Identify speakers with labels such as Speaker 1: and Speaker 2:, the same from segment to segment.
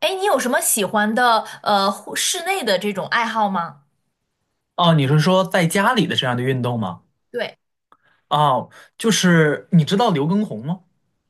Speaker 1: 哎，你有什么喜欢的室内的这种爱好吗？
Speaker 2: 哦，你是说在家里的这样的运动吗？
Speaker 1: 对。
Speaker 2: 哦，就是你知道刘畊宏吗？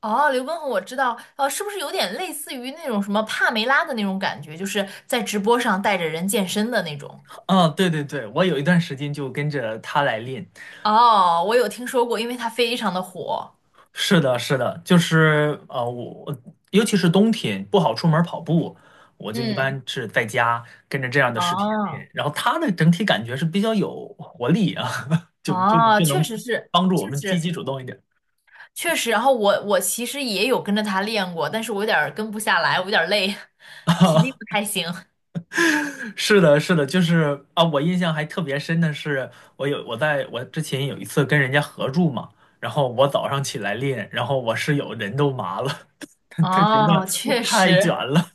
Speaker 1: 哦，刘畊宏我知道，是不是有点类似于那种什么帕梅拉的那种感觉，就是在直播上带着人健身的那种？
Speaker 2: 啊、对对对，我有一段时间就跟着他来练。
Speaker 1: 哦，我有听说过，因为它非常的火。
Speaker 2: 是的，是的，就是我尤其是冬天不好出门跑步，我就一
Speaker 1: 嗯，
Speaker 2: 般是在家跟着这样的视频练。
Speaker 1: 哦
Speaker 2: 然后他的整体感觉是比较有活力啊，就就
Speaker 1: 哦，
Speaker 2: 就
Speaker 1: 确
Speaker 2: 能
Speaker 1: 实是，
Speaker 2: 帮助我
Speaker 1: 确
Speaker 2: 们积
Speaker 1: 实
Speaker 2: 极主动一点。
Speaker 1: 确实。然后我其实也有跟着他练过，但是我有点儿跟不下来，我有点儿累，体力不太行。
Speaker 2: 是的，是的，就是啊，我印象还特别深的是，我之前有一次跟人家合住嘛，然后我早上起来练，然后我室友人都麻了，他觉得
Speaker 1: 哦，确
Speaker 2: 太卷
Speaker 1: 实。
Speaker 2: 了。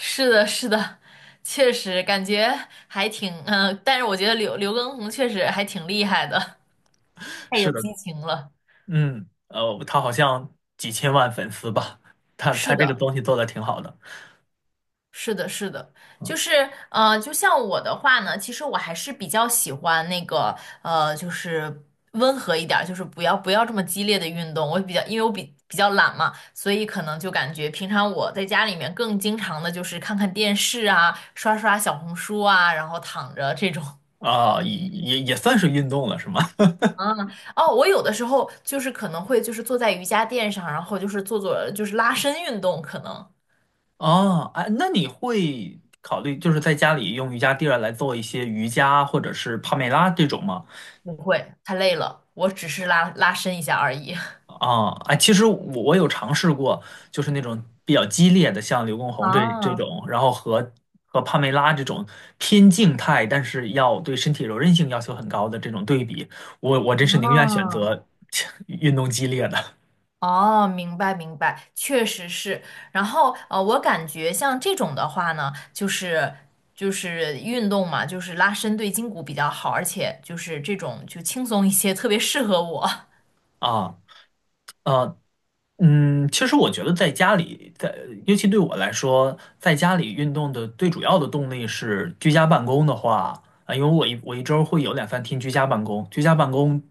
Speaker 1: 是的，是的，确实感觉还挺，但是我觉得刘畊宏确实还挺厉害的，太有
Speaker 2: 是的，
Speaker 1: 激情了。
Speaker 2: 他好像几千万粉丝吧，他
Speaker 1: 是
Speaker 2: 这个
Speaker 1: 的，
Speaker 2: 东西做的挺好的，
Speaker 1: 是的，是的，
Speaker 2: 嗯
Speaker 1: 就是就像我的话呢，其实我还是比较喜欢那个就是温和一点儿，就是不要这么激烈的运动。我比较，因为我比较懒嘛，所以可能就感觉平常我在家里面更经常的就是看看电视啊，刷刷小红书啊，然后躺着这种。
Speaker 2: 啊，也算是运动了，是吗？
Speaker 1: 嗯，哦，我有的时候就是可能会就是坐在瑜伽垫上，然后就是做做就是拉伸运动，可能
Speaker 2: 哦，哎，那你会考虑就是在家里用瑜伽垫儿来做一些瑜伽或者是帕梅拉这种吗？
Speaker 1: 不会太累了，我只是拉伸一下而已。
Speaker 2: 啊，哎，其实我有尝试过，就是那种比较激烈的，像刘畊宏这
Speaker 1: 啊
Speaker 2: 种，然后和帕梅拉这种偏静态，但是要对身体柔韧性要求很高的这种对比，我真是宁愿选
Speaker 1: 啊
Speaker 2: 择 运动激烈的
Speaker 1: 哦，明白明白，确实是。然后我感觉像这种的话呢，就是运动嘛，就是拉伸对筋骨比较好，而且就是这种就轻松一些，特别适合我。
Speaker 2: 啊。呃，其实我觉得在家里，在尤其对我来说，在家里运动的最主要的动力是居家办公的话，啊，因为我一周会有2、3天居家办公，居家办公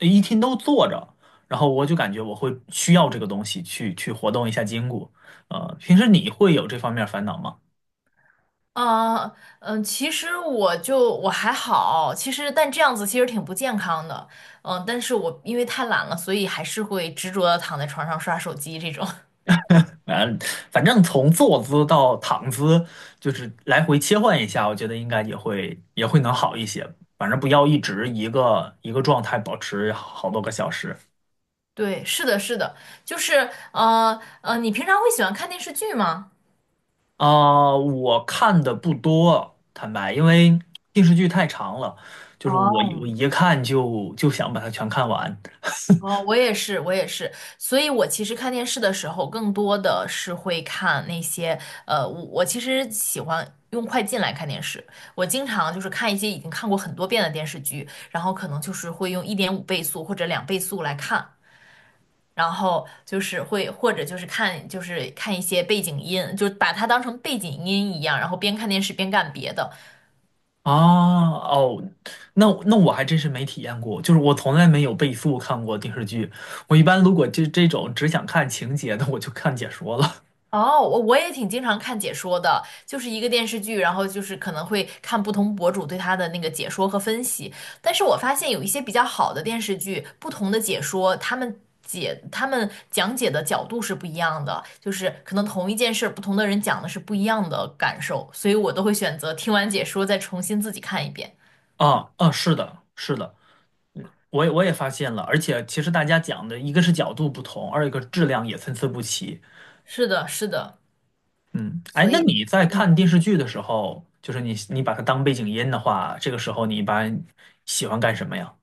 Speaker 2: 一天都坐着，然后我就感觉我会需要这个东西去活动一下筋骨。平时你会有这方面烦恼吗？
Speaker 1: 啊，其实我还好，其实但这样子其实挺不健康的，但是我因为太懒了，所以还是会执着的躺在床上刷手机这种。
Speaker 2: 嗯，反正从坐姿到躺姿，就是来回切换一下，我觉得应该也会能好一些。反正不要一直一个一个状态保持好多个小时。
Speaker 1: 对，是的，是的，就是你平常会喜欢看电视剧吗？
Speaker 2: 啊、我看的不多，坦白，因为电视剧太长了，就是我一我
Speaker 1: 哦。
Speaker 2: 一看就想把它全看完
Speaker 1: 哦，我也是，我也是，所以我其实看电视的时候，更多的是会看那些，我其实喜欢用快进来看电视，我经常就是看一些已经看过很多遍的电视剧，然后可能就是会用1.5倍速或者2倍速来看，然后就是会或者就是看一些背景音，就把它当成背景音一样，然后边看电视边干别的，
Speaker 2: 啊。哦，那我还真是没体验过，就是我从来没有倍速看过电视剧。我一般如果这种只想看情节的，我就看解说了。
Speaker 1: 哦，我也挺经常看解说的，就是一个电视剧，然后就是可能会看不同博主对它的那个解说和分析。但是我发现有一些比较好的电视剧，不同的解说，他们讲解的角度是不一样的，就是可能同一件事儿，不同的人讲的是不一样的感受，所以我都会选择听完解说再重新自己看一遍。
Speaker 2: 啊啊，是的，是的，嗯，我也发现了，而且其实大家讲的一个是角度不同，二一个质量也参差不齐。
Speaker 1: 是的，是的，
Speaker 2: 嗯，哎，
Speaker 1: 所
Speaker 2: 那
Speaker 1: 以，
Speaker 2: 你在
Speaker 1: 嗯，
Speaker 2: 看电视剧的时候，就是你把它当背景音的话，这个时候你一般喜欢干什么呀？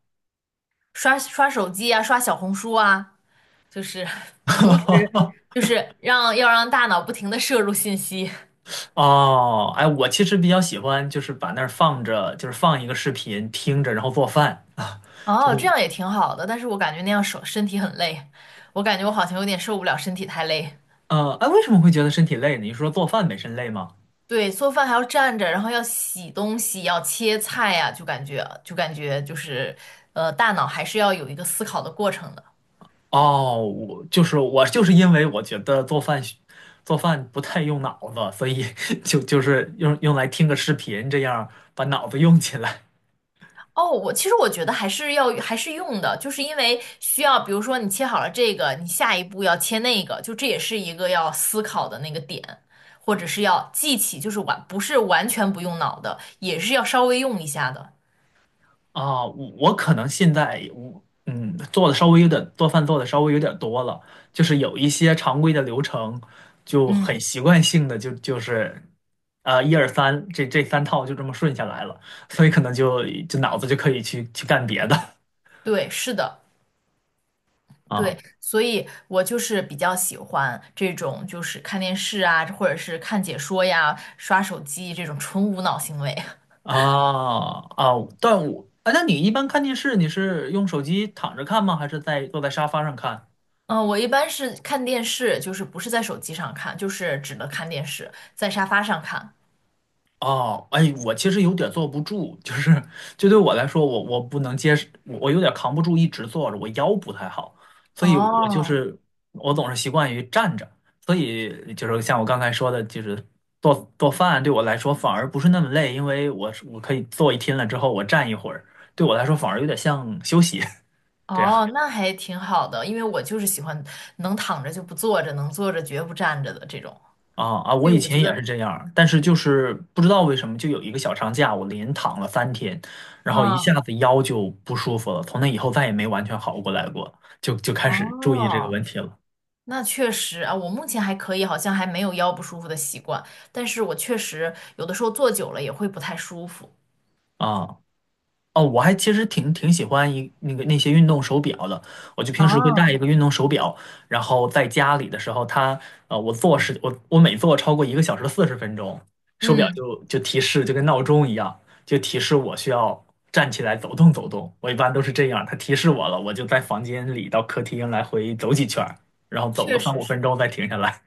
Speaker 1: 刷刷手机啊，刷小红书啊。就是同时 就是要让大脑不停的摄入信息。
Speaker 2: 哦，哎，我其实比较喜欢，就是把那儿放着，就是放一个视频听着，然后做饭啊，就
Speaker 1: 哦，这
Speaker 2: 是，
Speaker 1: 样也挺好的，但是我感觉那样身体很累，我感觉我好像有点受不了身体太累。
Speaker 2: 哎，为什么会觉得身体累呢？你是说做饭本身累吗？
Speaker 1: 对，做饭还要站着，然后要洗东西，要切菜呀、就感觉就是大脑还是要有一个思考的过程的。
Speaker 2: 哦，我就是因为我觉得做饭不太用脑子，所以 就是用来听个视频，这样把脑子用起来
Speaker 1: 哦，其实我觉得还是用的，就是因为需要，比如说你切好了这个，你下一步要切那个，就这也是一个要思考的那个点，或者是要记起，就是不是完全不用脑的，也是要稍微用一下的。
Speaker 2: 啊。我可能现在我做饭做的稍微有点多了，就是有一些常规的流程就很
Speaker 1: 嗯，
Speaker 2: 习惯性的一二三这3套就这么顺下来了，所以可能就脑子就可以去干别的
Speaker 1: 对，是的，
Speaker 2: 啊。
Speaker 1: 对，所以我就是比较喜欢这种，就是看电视啊，或者是看解说呀、刷手机这种纯无脑行为。
Speaker 2: 啊啊！但我啊，那你一般看电视，你是用手机躺着看吗？还是坐在沙发上看？
Speaker 1: 嗯，我一般是看电视，就是不是在手机上看，就是只能看电视，在沙发上看。
Speaker 2: 哦，哎，我其实有点坐不住，就对我来说，我不能接受，我有点扛不住一直坐着，我腰不太好，所以
Speaker 1: 哦
Speaker 2: 我总是习惯于站着，所以就是像我刚才说的，就是做饭对我来说反而不是那么累，因为我可以坐一天了之后我站一会儿，对我来说反而有点像休息。对。
Speaker 1: 哦，那还挺好的，因为我就是喜欢能躺着就不坐着，能坐着绝不站着的这种。
Speaker 2: 啊啊！我
Speaker 1: 对，
Speaker 2: 以
Speaker 1: 我觉
Speaker 2: 前也是
Speaker 1: 得，
Speaker 2: 这样儿但是就是不知道为什么，就有一个小长假，我连躺了三天，然后一下
Speaker 1: 嗯，
Speaker 2: 子腰就不舒服了，从那以后再也没完全好过来过，就开始注意这个问
Speaker 1: 哦，
Speaker 2: 题了
Speaker 1: 那确实啊，我目前还可以，好像还没有腰不舒服的习惯，但是我确实有的时候坐久了也会不太舒服。
Speaker 2: 啊哦，我还其实挺喜欢一那个那些运动手表的，我就平时会戴一
Speaker 1: 啊，
Speaker 2: 个运动手表，然后在家里的时候它，呃，我坐时我我每坐超过1小时40分钟，手表
Speaker 1: 嗯，
Speaker 2: 就提示，就跟闹钟一样，就提示我需要站起来走动走动。我一般都是这样，它提示我了，我就在房间里到客厅来回走几圈儿然后走个
Speaker 1: 确
Speaker 2: 三
Speaker 1: 实
Speaker 2: 五分
Speaker 1: 是。
Speaker 2: 钟再停下来。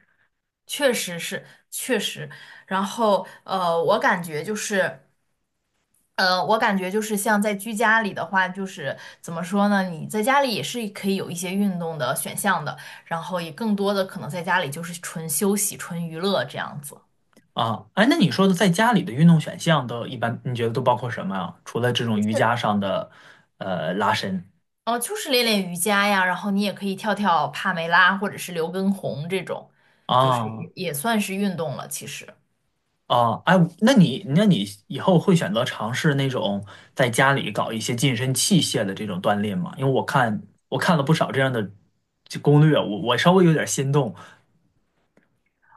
Speaker 1: 确实是，确实。然后，我感觉就是，我感觉就是像在居家里的话，就是怎么说呢？你在家里也是可以有一些运动的选项的，然后也更多的可能在家里就是纯休息、纯娱乐这样子。
Speaker 2: 啊，哎，那你说的在家里的运动选项都一般，你觉得都包括什么啊？除了这种瑜伽上的，拉伸。
Speaker 1: 哦，就是练练瑜伽呀，然后你也可以跳跳帕梅拉或者是刘畊宏这种，就是
Speaker 2: 啊
Speaker 1: 也算是运动了，其实。
Speaker 2: 啊，哎，那你以后会选择尝试那种在家里搞一些健身器械的这种锻炼吗？因为我看了不少这样的这攻略，我稍微有点心动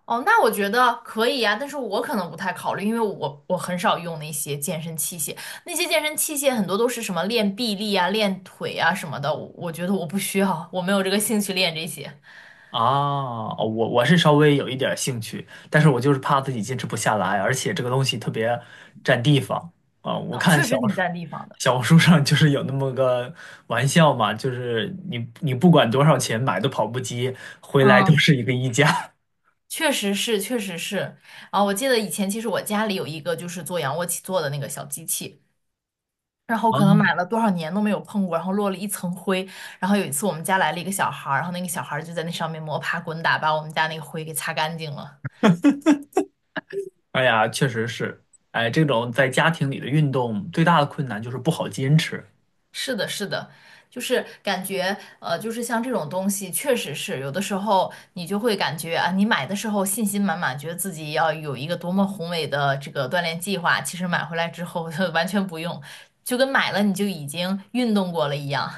Speaker 1: 哦，那我觉得可以呀，但是我可能不太考虑，因为我很少用那些健身器械，那些健身器械很多都是什么练臂力啊、练腿啊什么的，我觉得我不需要，我没有这个兴趣练这些。
Speaker 2: 啊，哦我是稍微有一点兴趣，但是我就是怕自己坚持不下来，而且这个东西特别占地方啊。我
Speaker 1: 啊，
Speaker 2: 看
Speaker 1: 确
Speaker 2: 小
Speaker 1: 实
Speaker 2: 红
Speaker 1: 挺
Speaker 2: 书
Speaker 1: 占地方的。
Speaker 2: 小红书上就是有那么个玩笑嘛，就是你不管多少钱买的跑步机，回来都
Speaker 1: 嗯，
Speaker 2: 是一个衣架。
Speaker 1: 确实是，确实是。啊，我记得以前其实我家里有一个就是做仰卧起坐的那个小机器，然后可能 买
Speaker 2: 啊。
Speaker 1: 了多少年都没有碰过，然后落了一层灰。然后有一次我们家来了一个小孩儿，然后那个小孩儿就在那上面摸爬滚打，把我们家那个灰给擦干净了。
Speaker 2: 哎呀，确实是，哎，这种在家庭里的运动最大的困难就是不好坚持。
Speaker 1: 是的，是的，就是感觉，就是像这种东西，确实是有的时候你就会感觉啊，你买的时候信心满满，觉得自己要有一个多么宏伟的这个锻炼计划，其实买回来之后 完全不用，就跟买了你就已经运动过了一样。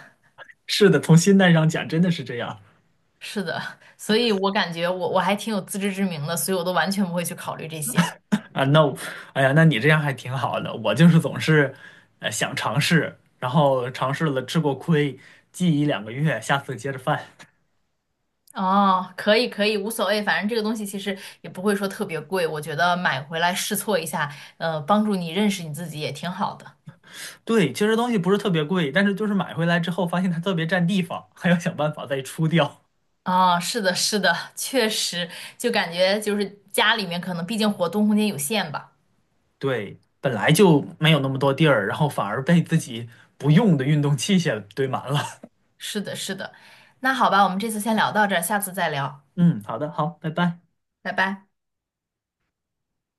Speaker 2: 是的，从心态上讲，真的是这样
Speaker 1: 是的，所以我感觉我还挺有自知之明的，所以我都完全不会去考虑这些。
Speaker 2: 啊。那我，哎呀，那你这样还挺好的。我就是总是，想尝试，然后尝试了吃过亏，记一两个月，下次接着犯。
Speaker 1: 哦，可以可以，无所谓，反正这个东西其实也不会说特别贵，我觉得买回来试错一下，帮助你认识你自己也挺好的。
Speaker 2: 对，其实东西不是特别贵，但是就是买回来之后发现它特别占地方，还要想办法再出掉。
Speaker 1: 啊，是的，是的，确实，就感觉就是家里面可能毕竟活动空间有限吧。
Speaker 2: 对，本来就没有那么多地儿，然后反而被自己不用的运动器械堆满了。
Speaker 1: 是的，是的。那好吧，我们这次先聊到这儿，下次再聊，
Speaker 2: 嗯，好的，好，拜拜。
Speaker 1: 拜拜。